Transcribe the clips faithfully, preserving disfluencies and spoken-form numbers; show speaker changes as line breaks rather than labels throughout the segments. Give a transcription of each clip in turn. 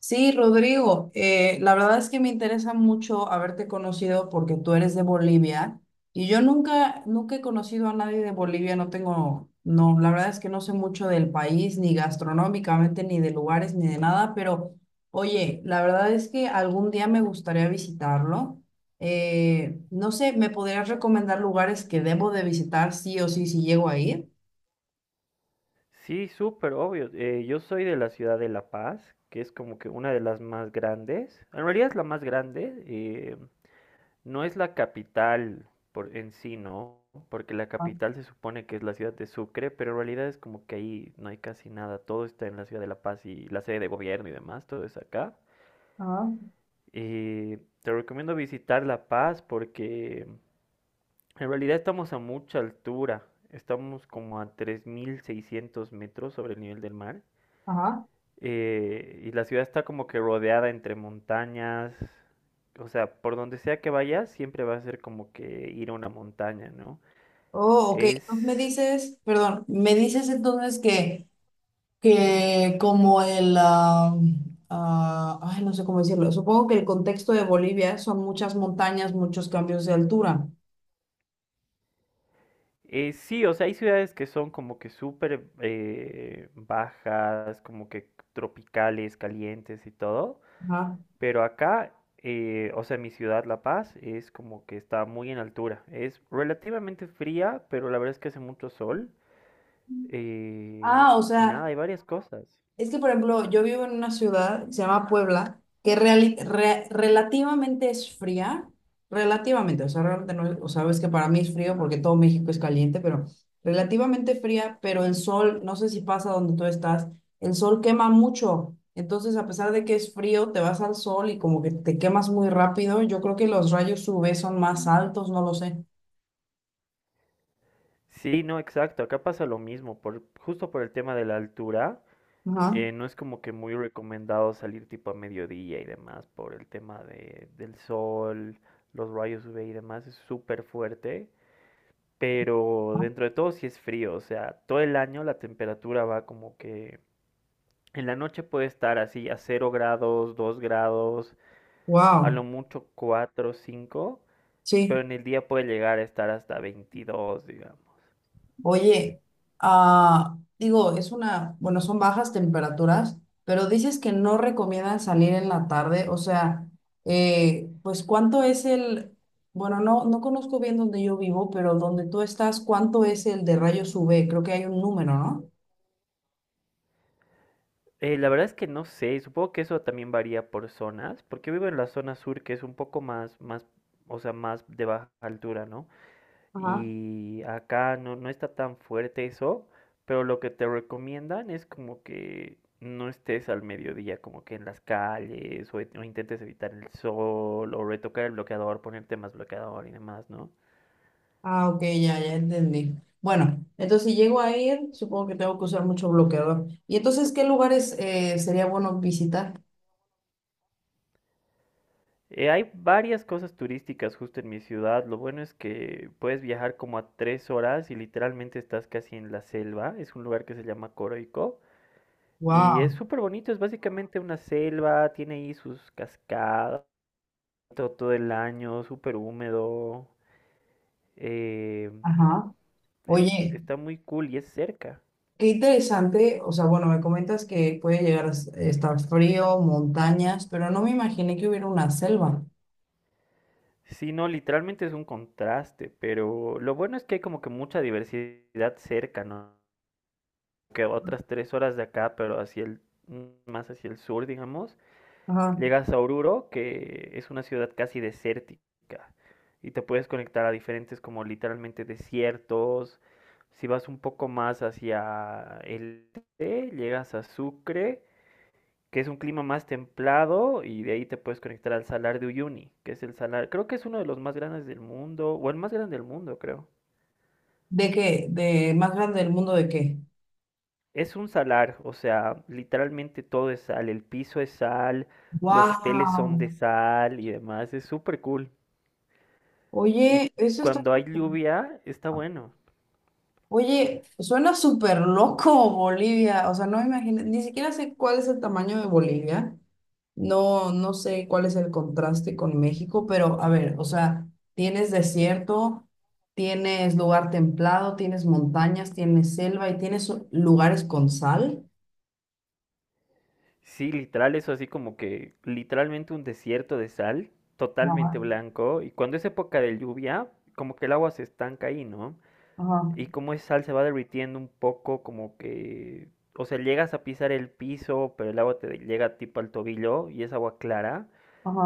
Sí, Rodrigo, eh, la verdad es que me interesa mucho haberte conocido porque tú eres de Bolivia y yo nunca, nunca he conocido a nadie de Bolivia. No tengo, no, la verdad es que no sé mucho del país, ni gastronómicamente, ni de lugares, ni de nada, pero oye, la verdad es que algún día me gustaría visitarlo. Eh, no sé, ¿me podrías recomendar lugares que debo de visitar sí o sí si llego a ir?
Sí, súper obvio. Eh, yo soy de la ciudad de La Paz, que es como que una de las más grandes. En realidad es la más grande. Eh, no es la capital por en sí, ¿no? Porque la
Ah,
capital se supone que es la ciudad de Sucre, pero en realidad es como que ahí no hay casi nada. Todo está en la ciudad de La Paz y la sede de gobierno y demás, todo es acá.
ajá,
Eh, te recomiendo visitar La Paz porque en realidad estamos a mucha altura. Estamos como a tres mil seiscientos metros sobre el nivel del mar.
ajá.
Eh, y la ciudad está como que rodeada entre montañas. O sea, por donde sea que vayas, siempre va a ser como que ir a una montaña, ¿no?
Oh, ok.
Es...
Entonces me dices, perdón, me dices entonces que, que como el, ah, ah, ay, no sé cómo decirlo, supongo que el contexto de Bolivia son muchas montañas, muchos cambios de altura.
eh, sí, o sea, hay ciudades que son como que súper eh, bajas, como que tropicales, calientes y todo.
Ajá.
Pero acá, eh, o sea, mi ciudad, La Paz, es como que está muy en altura. Es relativamente fría, pero la verdad es que hace mucho sol. eh,
Ah, o
y nada,
sea,
hay varias cosas.
es que, por ejemplo, yo vivo en una ciudad que se llama Puebla, que reali- re- relativamente es fría, relativamente, o sea, realmente no es- o sabes que para mí es frío porque todo México es caliente, pero relativamente fría, pero el sol, no sé si pasa donde tú estás, el sol quema mucho, entonces a pesar de que es frío, te vas al sol y como que te quemas muy rápido. Yo creo que los rayos U V son más altos, no lo sé.
Sí, no, exacto. Acá pasa lo mismo. Por, justo por el tema de la altura,
Ajá.
eh, no es como que muy recomendado salir tipo a mediodía y demás por el tema de, del sol, los rayos U V y demás. Es súper fuerte. Pero dentro de todo sí es frío. O sea, todo el año la temperatura va como que... En la noche puede estar así a cero grados, dos grados, a lo
Wow,
mucho cuatro, cinco. Pero
sí.
en el día puede llegar a estar hasta veintidós, digamos.
Oye, ah, digo, es una, bueno, son bajas temperaturas, pero dices que no recomiendan salir en la tarde, o sea, eh, pues ¿cuánto es el, bueno, no, no conozco bien donde yo vivo, pero donde tú estás, ¿cuánto es el de rayos U V? Creo que hay un número, ¿no?
Eh, la verdad es que no sé, supongo que eso también varía por zonas, porque vivo en la zona sur que es un poco más, más, o sea, más de baja altura, ¿no?
Ajá.
Y acá no, no está tan fuerte eso, pero lo que te recomiendan es como que no estés al mediodía, como que en las calles, o, o intentes evitar el sol, o retocar el bloqueador, ponerte más bloqueador y demás, ¿no?
Ah, ok, ya, ya entendí. Bueno, entonces si llego a ir, supongo que tengo que usar mucho bloqueador. ¿Y entonces qué lugares eh, sería bueno visitar?
Eh, hay varias cosas turísticas justo en mi ciudad. Lo bueno es que puedes viajar como a tres horas y literalmente estás casi en la selva. Es un lugar que se llama Coroico y es
Wow.
súper bonito. Es básicamente una selva, tiene ahí sus cascadas todo, todo el año, súper húmedo. eh,
Ajá.
es-
Oye.
Está muy cool y es cerca.
Qué interesante, o sea, bueno, me comentas que puede llegar a s- estar frío, montañas, pero no me imaginé que hubiera una selva.
Sí, no, literalmente es un contraste, pero lo bueno es que hay como que mucha diversidad cerca, ¿no? Que otras tres horas de acá, pero hacia el, más hacia el sur, digamos,
Ajá.
llegas a Oruro, que es una ciudad casi desértica, y te puedes conectar a diferentes como literalmente desiertos. Si vas un poco más hacia el este, llegas a Sucre, que es un clima más templado, y de ahí te puedes conectar al Salar de Uyuni, que es el salar, creo que es uno de los más grandes del mundo, o el más grande del mundo, creo.
¿De qué? ¿De más grande del mundo de qué?
Es un salar, o sea, literalmente todo es sal, el piso es sal, los hoteles son de
¡Wow!
sal y demás, es súper cool. Y
Oye, eso está...
cuando hay lluvia, está bueno.
Oye, suena súper loco Bolivia, o sea, no me imagino, ni siquiera sé cuál es el tamaño de Bolivia, no, no sé cuál es el contraste con México, pero a ver, o sea, tienes desierto, tienes lugar templado, tienes montañas, tienes selva y tienes lugares con sal.
Sí, literal, eso así como que literalmente un desierto de sal, totalmente
Ajá,
blanco, y cuando es época de lluvia, como que el agua se estanca ahí, ¿no?
ajá,
Y cómo ese sal se va derritiendo un poco, como que, o sea, llegas a pisar el piso, pero el agua te llega tipo al tobillo y es agua clara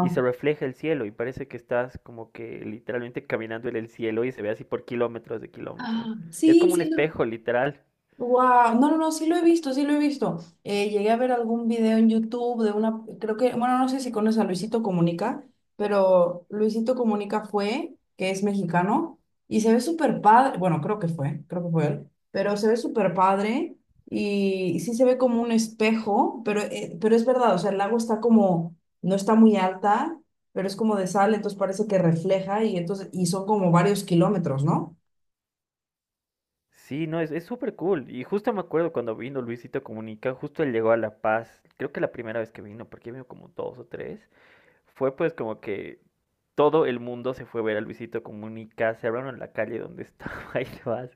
y se refleja el cielo y parece que estás como que literalmente caminando en el cielo y se ve así por kilómetros de kilómetros.
Ah,
Es
sí,
como un
sí.
espejo, literal.
Wow, no, no, no, sí lo he visto, sí lo he visto. Eh, llegué a ver algún video en YouTube de una, creo que, bueno, no sé si conoces a Luisito Comunica, pero Luisito Comunica fue, que es mexicano, y se ve súper padre. Bueno, creo que fue, creo que fue él, pero se ve súper padre y sí se ve como un espejo, pero, eh, pero es verdad, o sea, el lago está como, no está muy alta, pero es como de sal, entonces parece que refleja y entonces, y son como varios kilómetros, ¿no?
Sí, no, es, es súper cool. Y justo me acuerdo cuando vino Luisito Comunica, justo él llegó a La Paz, creo que la primera vez que vino, porque vino como dos o tres. Fue pues como que todo el mundo se fue a ver a Luisito Comunica, se abrieron en la calle donde estaba y demás.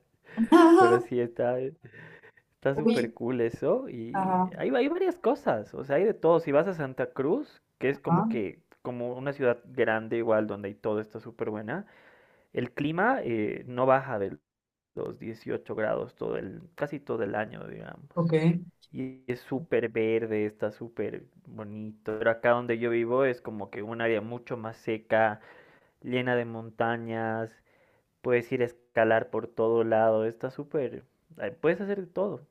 Pero sí, está está
Oye,
súper cool eso. Y
ajá,
hay, hay varias cosas, o sea, hay de todo. Si vas a Santa Cruz, que es como
ajá.
que como una ciudad grande igual donde hay todo está súper buena, el clima eh, no baja del los dieciocho grados todo el, casi todo el año, digamos.
Ok,
Y es súper verde, está súper bonito. Pero acá donde yo vivo es como que un área mucho más seca, llena de montañas, puedes ir a escalar por todo lado, está súper, eh, puedes hacer de todo.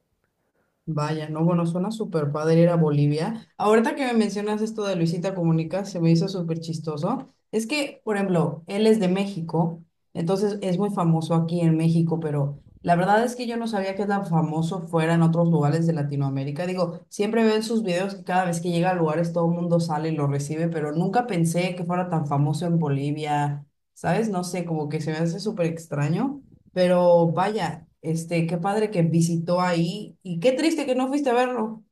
vaya, no, bueno, suena súper padre ir a Bolivia. Ahorita que me mencionas esto de Luisita Comunica, se me hizo súper chistoso. Es que, por ejemplo, él es de México, entonces es muy famoso aquí en México, pero la verdad es que yo no sabía que tan famoso fuera en otros lugares de Latinoamérica. Digo, siempre veo en sus videos que cada vez que llega a lugares todo el mundo sale y lo recibe, pero nunca pensé que fuera tan famoso en Bolivia, ¿sabes? No sé, como que se me hace súper extraño. Pero vaya, este, qué padre que visitó ahí y qué triste que no fuiste a verlo.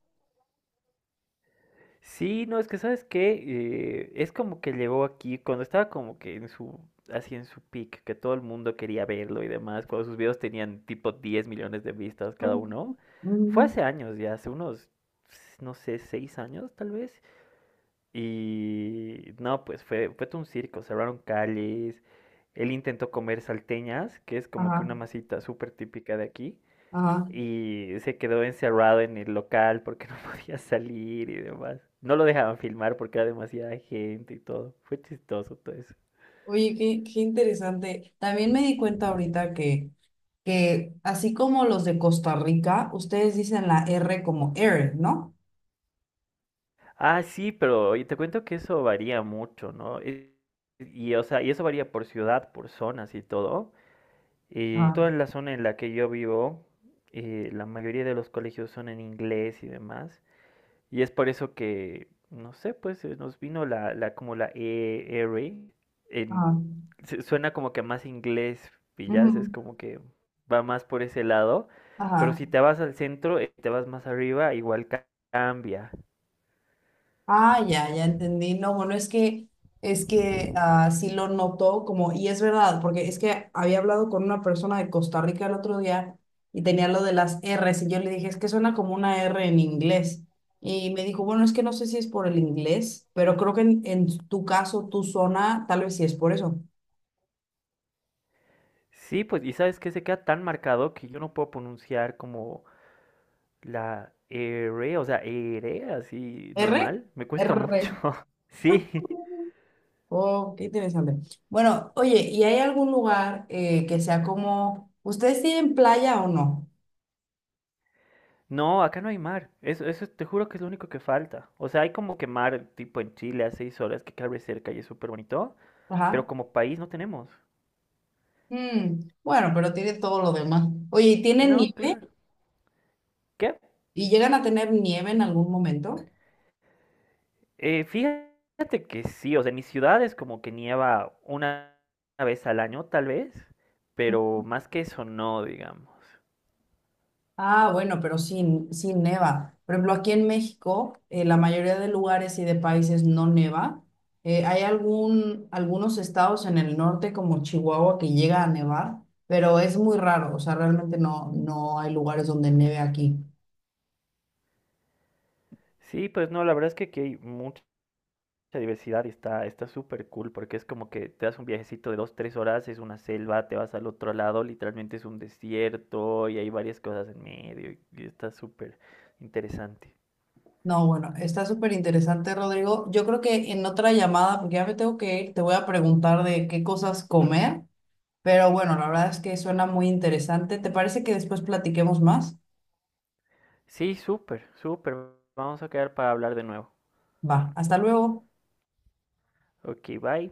Sí, no, es que sabes que es como que llegó aquí cuando estaba como que en su, así en su peak, que todo el mundo quería verlo y demás, cuando sus videos tenían tipo diez millones de vistas cada
Mm,
uno, fue
mm.
hace años ya, hace unos, no sé, seis años tal vez, y no, pues fue, fue todo un circo, cerraron calles, él intentó comer salteñas, que es como que
Ajá,
una masita súper típica de aquí,
ajá.
y se quedó encerrado en el local porque no podía salir y demás. No lo dejaban filmar porque era demasiada gente y todo. Fue chistoso todo eso.
Oye, qué, qué interesante. También me di cuenta ahorita que, que así como los de Costa Rica, ustedes dicen la R como air, ¿no?
Ah, sí, pero oye, te cuento que eso varía mucho, ¿no? Y, y, o sea, y eso varía por ciudad, por zonas y todo. Eh,
Ah,
toda la zona en la que yo vivo, eh, la mayoría de los colegios son en inglés y demás. Y es por eso que, no sé, pues eh, nos vino la, la como la E R. En,
ajá.
se- Suena como que más inglés,
Ujú,
pillas, es
mm.
como que va más por ese lado. Pero
Ajá.
si te vas al centro, eh, te vas más arriba, igual ca- cambia.
Ah, ya, ya entendí. No, bueno, es que, es que ah, sí lo notó como, y es verdad, porque es que había hablado con una persona de Costa Rica el otro día y tenía lo de las R's y yo le dije, es que suena como una R en inglés. Y me dijo, bueno, es que no sé si es por el inglés, pero creo que en, en tu caso, tu zona, tal vez sí es por eso.
Sí, pues, y sabes que se queda tan marcado que yo no puedo pronunciar como la E, R, o sea, E, R, así
¿R?
normal. Me cuesta mucho.
R.
Sí.
Oh, qué interesante. Bueno, oye, ¿y hay algún lugar eh, que sea como, ¿ustedes tienen playa o no?
No, acá no hay mar. Eso, eso te juro que es lo único que falta. O sea, hay como que mar tipo en Chile a seis horas que cabe cerca y es súper bonito, pero
Ajá.
como país no tenemos.
Mm, bueno, pero tiene todo lo demás. Oye, ¿y tienen
No,
nieve?
claro. ¿Qué?
¿Y llegan a tener nieve en algún momento?
Eh, fíjate que sí, o sea, en mis ciudades como que nieva una vez al año, tal vez, pero más que eso no, digamos.
Ah, bueno, pero sin, sin neva. Por ejemplo, aquí en México, eh, la mayoría de lugares y de países no neva. Eh, hay algún, algunos estados en el norte, como Chihuahua, que llega a nevar, pero es muy raro. O sea, realmente no, no hay lugares donde neve aquí.
Sí, pues no, la verdad es que aquí hay mucha mucha diversidad y está está súper cool porque es como que te das un viajecito de dos, tres horas, es una selva, te vas al otro lado, literalmente es un desierto y hay varias cosas en medio y, y está súper interesante.
No, bueno, está súper interesante, Rodrigo. Yo creo que en otra llamada, porque ya me tengo que ir, te voy a preguntar de qué cosas comer. Pero bueno, la verdad es que suena muy interesante. ¿Te parece que después platiquemos más?
Sí, súper, súper. Vamos a quedar para hablar de nuevo.
Va, hasta luego.
Ok, bye.